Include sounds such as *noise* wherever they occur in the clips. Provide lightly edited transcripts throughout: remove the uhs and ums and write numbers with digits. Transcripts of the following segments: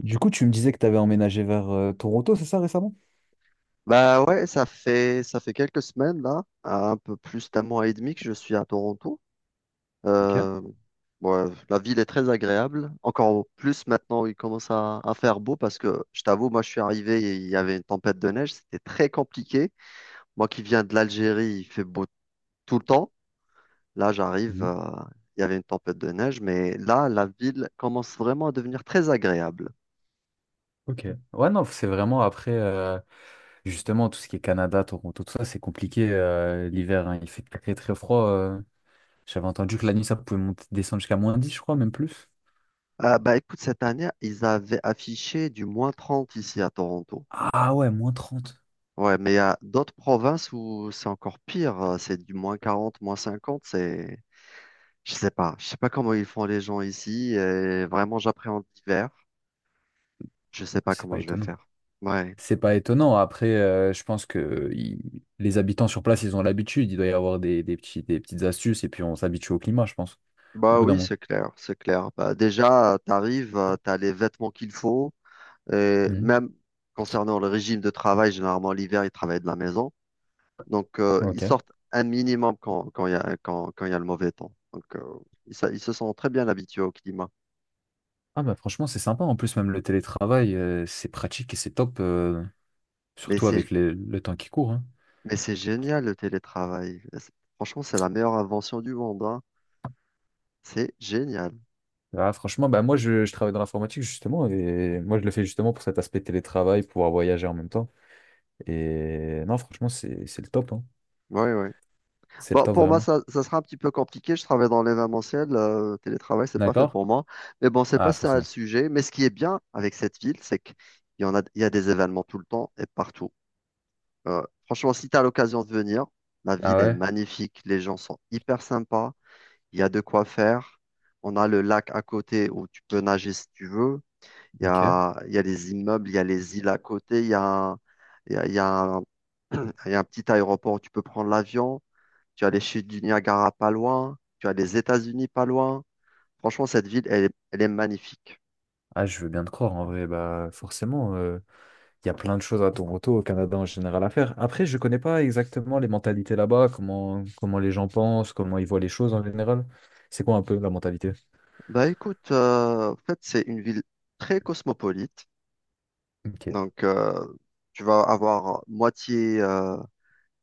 Du coup, tu me disais que tu avais emménagé vers Toronto, c'est ça récemment? Bah ouais, ça fait quelques semaines là, un peu plus d'un mois et demi que je suis à Toronto. Ok. Euh, ouais, la ville est très agréable. Encore plus maintenant, il commence à faire beau parce que je t'avoue, moi je suis arrivé et il y avait une tempête de neige, c'était très compliqué. Moi qui viens de l'Algérie, il fait beau tout le temps. Là, j'arrive, Mhm. Il y avait une tempête de neige, mais là, la ville commence vraiment à devenir très agréable. Ok. Ouais, non, c'est vraiment après, justement, tout ce qui est Canada, Toronto, tout ça, c'est compliqué l'hiver, hein. Il fait très, très froid. J'avais entendu que la nuit, ça pouvait monter, descendre jusqu'à moins 10, je crois, même plus. Bah écoute, cette année, ils avaient affiché du -30 ici à Toronto. Ah ouais, moins 30. Ouais, mais il y a d'autres provinces où c'est encore pire. C'est du -40, -50. Je sais pas. Je sais pas comment ils font les gens ici. Et vraiment, j'appréhende l'hiver. Je sais Ouais, pas c'est comment pas je vais étonnant. faire. Ouais. C'est pas étonnant. Après, je pense que les habitants sur place, ils ont l'habitude. Il doit y avoir des petits, des petites astuces et puis on s'habitue au climat, je pense, au Bah bout d'un oui, moment. c'est clair, c'est clair. Bah déjà, t'arrives, t'as les vêtements qu'il faut. Et Mhm. même concernant le régime de travail, généralement l'hiver, ils travaillent de la maison. Donc, ils Ok. sortent un minimum quand il y a, quand il y a le mauvais temps. Donc, ils se sont très bien habitués au climat. Ah bah franchement, c'est sympa. En plus, même le télétravail, c'est pratique et c'est top, Mais surtout c'est avec le temps qui court, hein. Mais c'est génial le télétravail. Franchement, c'est la meilleure invention du monde, hein. C'est génial. Ah, franchement, bah moi, je travaille dans l'informatique justement et moi, je le fais justement pour cet aspect télétravail, pouvoir voyager en même temps. Et non, franchement, c'est le top, hein. Oui, oui. C'est le Bon, top pour moi, vraiment. Ça sera un petit peu compliqué. Je travaille dans l'événementiel. Le télétravail, c'est pas fait D'accord? pour moi. Mais bon, c'est Ah, pas ça le forcément. sujet. Mais ce qui est bien avec cette ville, c'est qu'il y en a, il y a des événements tout le temps et partout. Franchement, si tu as l'occasion de venir, la Ah ville est ouais? magnifique. Les gens sont hyper sympas. Il y a de quoi faire. On a le lac à côté où tu peux nager si tu veux. Ok. Il y a les immeubles, il y a les îles à côté, il y a un, *clears throat* il y a un petit aéroport où tu peux prendre l'avion. Tu as les chutes du Niagara pas loin. Tu as les États-Unis pas loin. Franchement, cette ville, elle est magnifique. Ah, je veux bien te croire en vrai. Bah forcément. Il y a plein de choses à Toronto, au Canada en général à faire. Après, je ne connais pas exactement les mentalités là-bas, comment les gens pensent, comment ils voient les choses en général. C'est quoi un peu la mentalité? Bah écoute, en fait, c'est une ville très cosmopolite. Ok, Donc, tu vas avoir moitié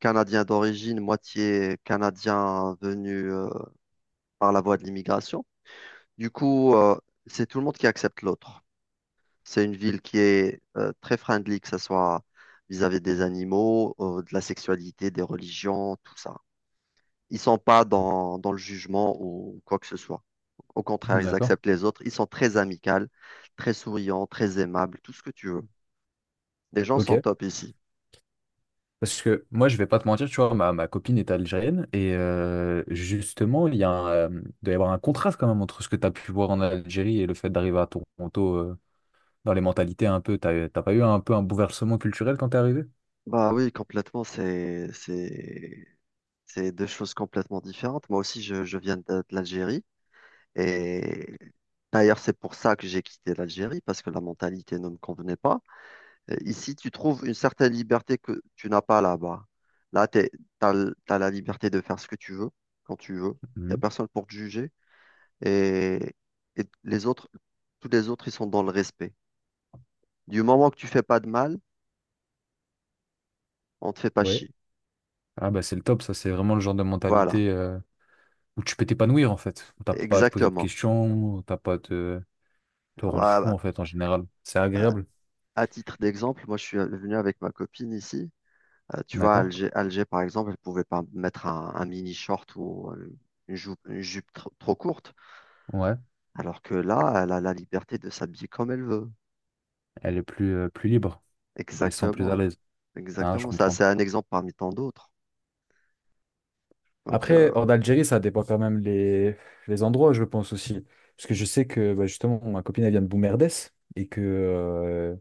Canadien d'origine, moitié Canadien venu par la voie de l'immigration. Du coup, c'est tout le monde qui accepte l'autre. C'est une ville qui est très friendly, que ce soit vis-à-vis des animaux, de la sexualité, des religions, tout ça. Ils sont pas dans le jugement ou quoi que ce soit. Au contraire, ils d'accord. acceptent les autres. Ils sont très amicaux, très souriants, très aimables, tout ce que tu veux. Les gens Ok. sont top ici. Parce que moi, je vais pas te mentir, tu vois, ma copine est algérienne et justement, il y a il doit y avoir un contraste quand même entre ce que tu as pu voir en Algérie et le fait d'arriver à Toronto. Dans les mentalités un peu, t'as pas eu un peu un bouleversement culturel quand t'es arrivé? Bah oui, complètement, c'est deux choses complètement différentes. Moi aussi, je viens de l'Algérie. Et d'ailleurs, c'est pour ça que j'ai quitté l'Algérie, parce que la mentalité ne me convenait pas. Et ici, tu trouves une certaine liberté que tu n'as pas là-bas. Là, tu as, la liberté de faire ce que tu veux, quand tu veux. Il n'y a Mhm. personne pour te juger. Et, et les autres, tous les autres, ils sont dans le respect. Du moment que tu fais pas de mal, on te fait pas Ouais. chier. Ah bah c'est le top, ça c'est vraiment le genre de Voilà, mentalité où tu peux t'épanouir en fait. Où t'as pas à te poser de exactement. questions, où t'as pas à te, te rendre Voilà. fou Bah, en fait en général. C'est À agréable. à titre d'exemple, moi, je suis venu avec ma copine ici. Tu vois, à D'accord? Alger, Alger, par exemple, elle pouvait pas mettre un mini short ou une jupe trop courte. Ouais. Alors que là, elle a la liberté de s'habiller comme elle veut. Elle est plus, plus libre. Elle se sent plus à Exactement, l'aise. Ah, je exactement. Ça, comprends. c'est un exemple parmi tant d'autres. Donc, Après, hors d'Algérie, ça dépend quand même les endroits, je pense aussi. Parce que je sais que bah, justement, ma copine, elle vient de Boumerdès et que,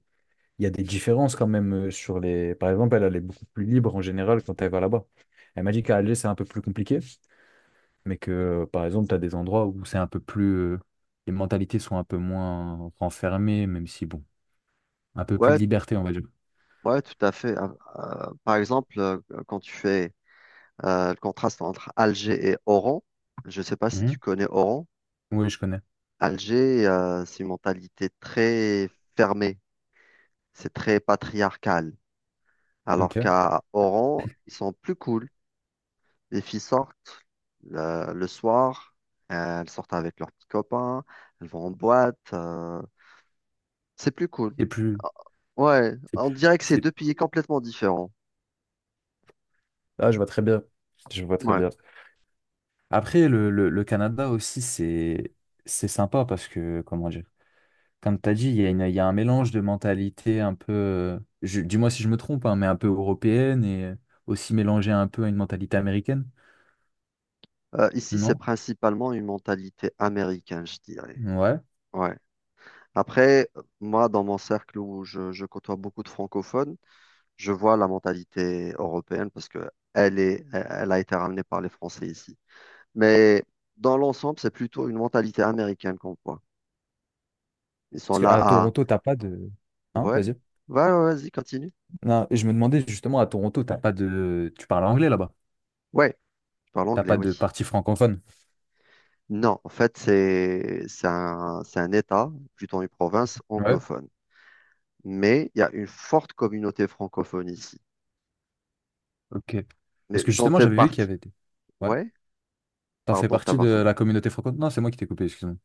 il y a des différences quand même sur les. Par exemple, elle est beaucoup plus libre en général quand elle va là-bas. Elle m'a dit qu'à Alger, c'est un peu plus compliqué, mais que, par exemple, tu as des endroits où c'est un peu plus. Les mentalités sont un peu moins renfermées, même si, bon, un peu plus ouais, de liberté, on va dire. ouais, tout à fait. Par exemple, quand tu fais le contraste entre Alger et Oran, je ne sais pas si tu Mhm. connais Oran. Oui, je connais. Alger, c'est une mentalité très fermée, c'est très patriarcal. Ok. Alors qu'à Oran, ils sont plus cool. Les filles sortent le soir, elles sortent avec leurs petits copains, elles vont en boîte. C'est plus cool. Et plus. Ouais, on dirait que c'est C'est deux pays complètement différents. Ah, je vois très bien. Je vois très Ouais. bien. Après, le Canada aussi, c'est sympa parce que, comment dire, comme tu as dit, il y a il y a un mélange de mentalité un peu, dis-moi si je me trompe, hein, mais un peu européenne et aussi mélangée un peu à une mentalité américaine, Ici, c'est non? principalement une mentalité américaine, je dirais. Ouais. Ouais. Après, moi, dans mon cercle où je côtoie beaucoup de francophones, je vois la mentalité européenne parce que elle est, elle elle a été ramenée par les Français ici. Mais dans l'ensemble, c'est plutôt une mentalité américaine qu'on voit. Ils sont Parce qu'à là. Toronto, t'as pas de... Hein, Ouais, vas-y. Vas-y, continue. Non, je me demandais justement, à Toronto, t'as pas de... Tu parles anglais là-bas. Ouais, je parle T'as anglais, pas oui. de partie francophone. Non, en fait, c'est un État, plutôt une province Ouais. anglophone. Mais il y a une forte communauté francophone ici. Ok. Mais Parce que j'en justement, fais j'avais vu qu'il y partie. avait... des- Ouais. Ouais, T'en fais pardon de partie de t'avoir coupé. la communauté franco... Non, c'est moi qui t'ai coupé, excuse-moi.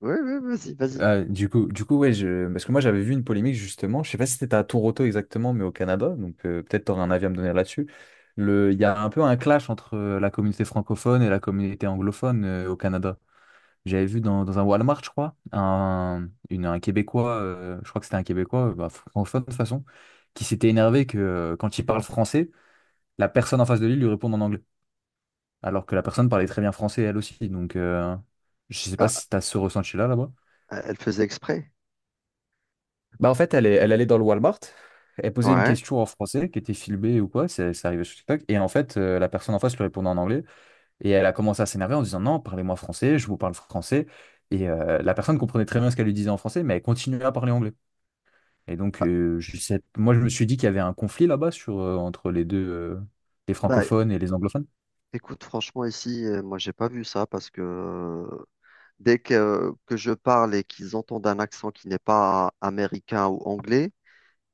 Oui, ouais, vas-y, vas-y. Ah, du coup, ouais, je... parce que moi j'avais vu une polémique justement, je sais pas si c'était à Toronto exactement, mais au Canada, donc peut-être t'aurais un avis à me donner là-dessus. Le... Il y a un peu un clash entre la communauté francophone et la communauté anglophone au Canada. J'avais vu dans un Walmart, je crois, un Québécois, je crois que c'était un Québécois, bah, francophone de toute façon, qui s'était énervé que quand il parle français, la personne en face de lui lui répond en anglais, alors que la personne parlait très bien français elle aussi. Donc, je sais pas Ah, si tu as ce ressenti-là là-bas. elle faisait exprès. Bah en fait, elle allait dans le Walmart. Elle posait une Ouais. question en français qui était filmée ou quoi, ça arrivait sur TikTok. Et en fait, la personne en face lui répondait en anglais. Et elle a commencé à s'énerver en disant non, parlez-moi français, je vous parle français. Et la personne comprenait très bien ce qu'elle lui disait en français, mais elle continuait à parler anglais. Et donc, moi, je me suis dit qu'il y avait un conflit là-bas sur, entre les deux, les Bah, francophones et les anglophones. écoute, franchement, ici, moi, j'ai pas vu ça parce que dès que je parle et qu'ils entendent un accent qui n'est pas américain ou anglais,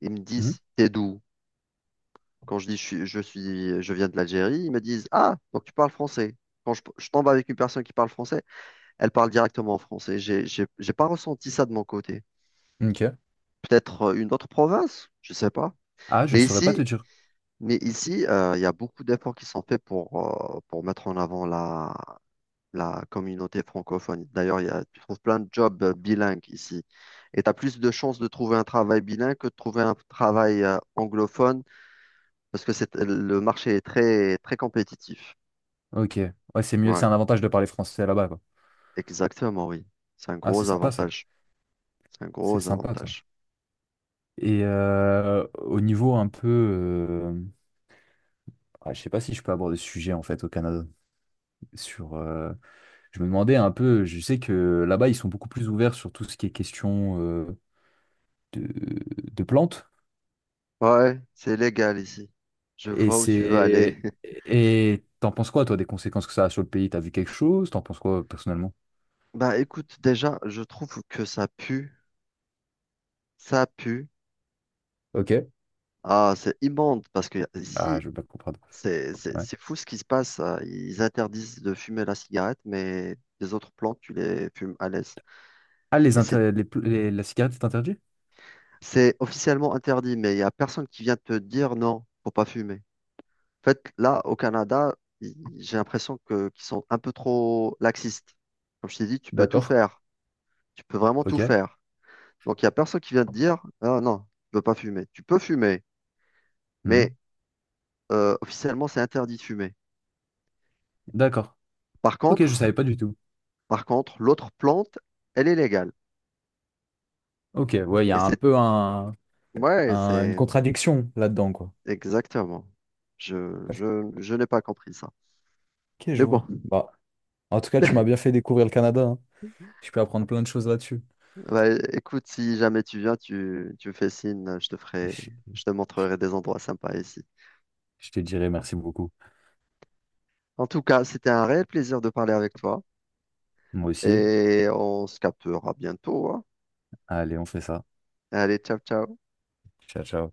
ils me Mhm. disent, t'es d'où? Quand je dis je viens de l'Algérie, ils me disent, ah, donc tu parles français. Quand je tombe avec une personne qui parle français, elle parle directement en français. J'ai pas ressenti ça de mon côté. Ok. Peut-être une autre province, je sais pas. Ah, je Mais saurais pas ici, te dire. mais ici, il y a beaucoup d'efforts qui sont faits pour mettre en avant la communauté francophone. D'ailleurs, il y a, tu trouves plein de jobs bilingues ici. Et tu as plus de chances de trouver un travail bilingue que de trouver un travail anglophone parce que le marché est très, très compétitif. Ok. Ouais, c'est mieux, Ouais, c'est un avantage de parler français là-bas, quoi. exactement, oui. C'est un Ah, c'est gros sympa ça. avantage. C'est un C'est gros sympa, toi. avantage. Et au niveau un peu. Ah, je sais pas si je peux aborder ce sujet en fait au Canada. Sur, je me demandais un peu, je sais que là-bas, ils sont beaucoup plus ouverts sur tout ce qui est question de, de plantes. Ouais, c'est légal ici. Je Et vois où tu veux c'est. aller. *laughs* Et t'en penses quoi, toi, des conséquences que ça a sur le pays? T'as vu quelque chose? T'en penses quoi personnellement? Bah écoute, déjà, je trouve que ça pue. Ça pue. Ok. Ah, c'est immonde parce que Ah, ici, je veux pas comprendre. Ouais. c'est fou ce qui se passe. Ils interdisent de fumer la cigarette, mais les autres plantes, tu les fumes à l'aise. Ah, les Et inter- les pl- les- la cigarette est interdite? c'est officiellement interdit, mais il n'y a personne qui vient te dire non, faut pas fumer. En fait, là, au Canada, i- j'ai l'impression que qu'ils sont un peu trop laxistes. Comme je t'ai dit, tu peux tout D'accord. faire. Tu peux vraiment tout Ok. faire. Donc, il n'y a personne qui vient te dire, ah non, tu peux pas fumer. Tu peux fumer, mais Mhm. Officiellement, c'est interdit de fumer. D'accord. Par Ok, je contre, savais pas du tout. Par contre, l'autre plante, elle est légale. Ok, ouais, il y Et a un c'est, peu ouais, une c'est contradiction là-dedans, quoi. exactement. Ouais. Je n'ai pas compris ça. Ok, je Mais bon, vois. Bah, en tout cas, tu m'as *laughs* bien fait découvrir le Canada, hein. Je peux apprendre plein de choses là-dessus. bah, écoute, si jamais tu viens, tu me fais signe, Et je te je- montrerai des endroits sympas ici. je te dirai merci beaucoup. En tout cas, c'était un réel plaisir de parler avec toi Moi aussi. et on se captera bientôt, hein. Allez, on fait ça. Allez, ciao, ciao. Ciao, ciao.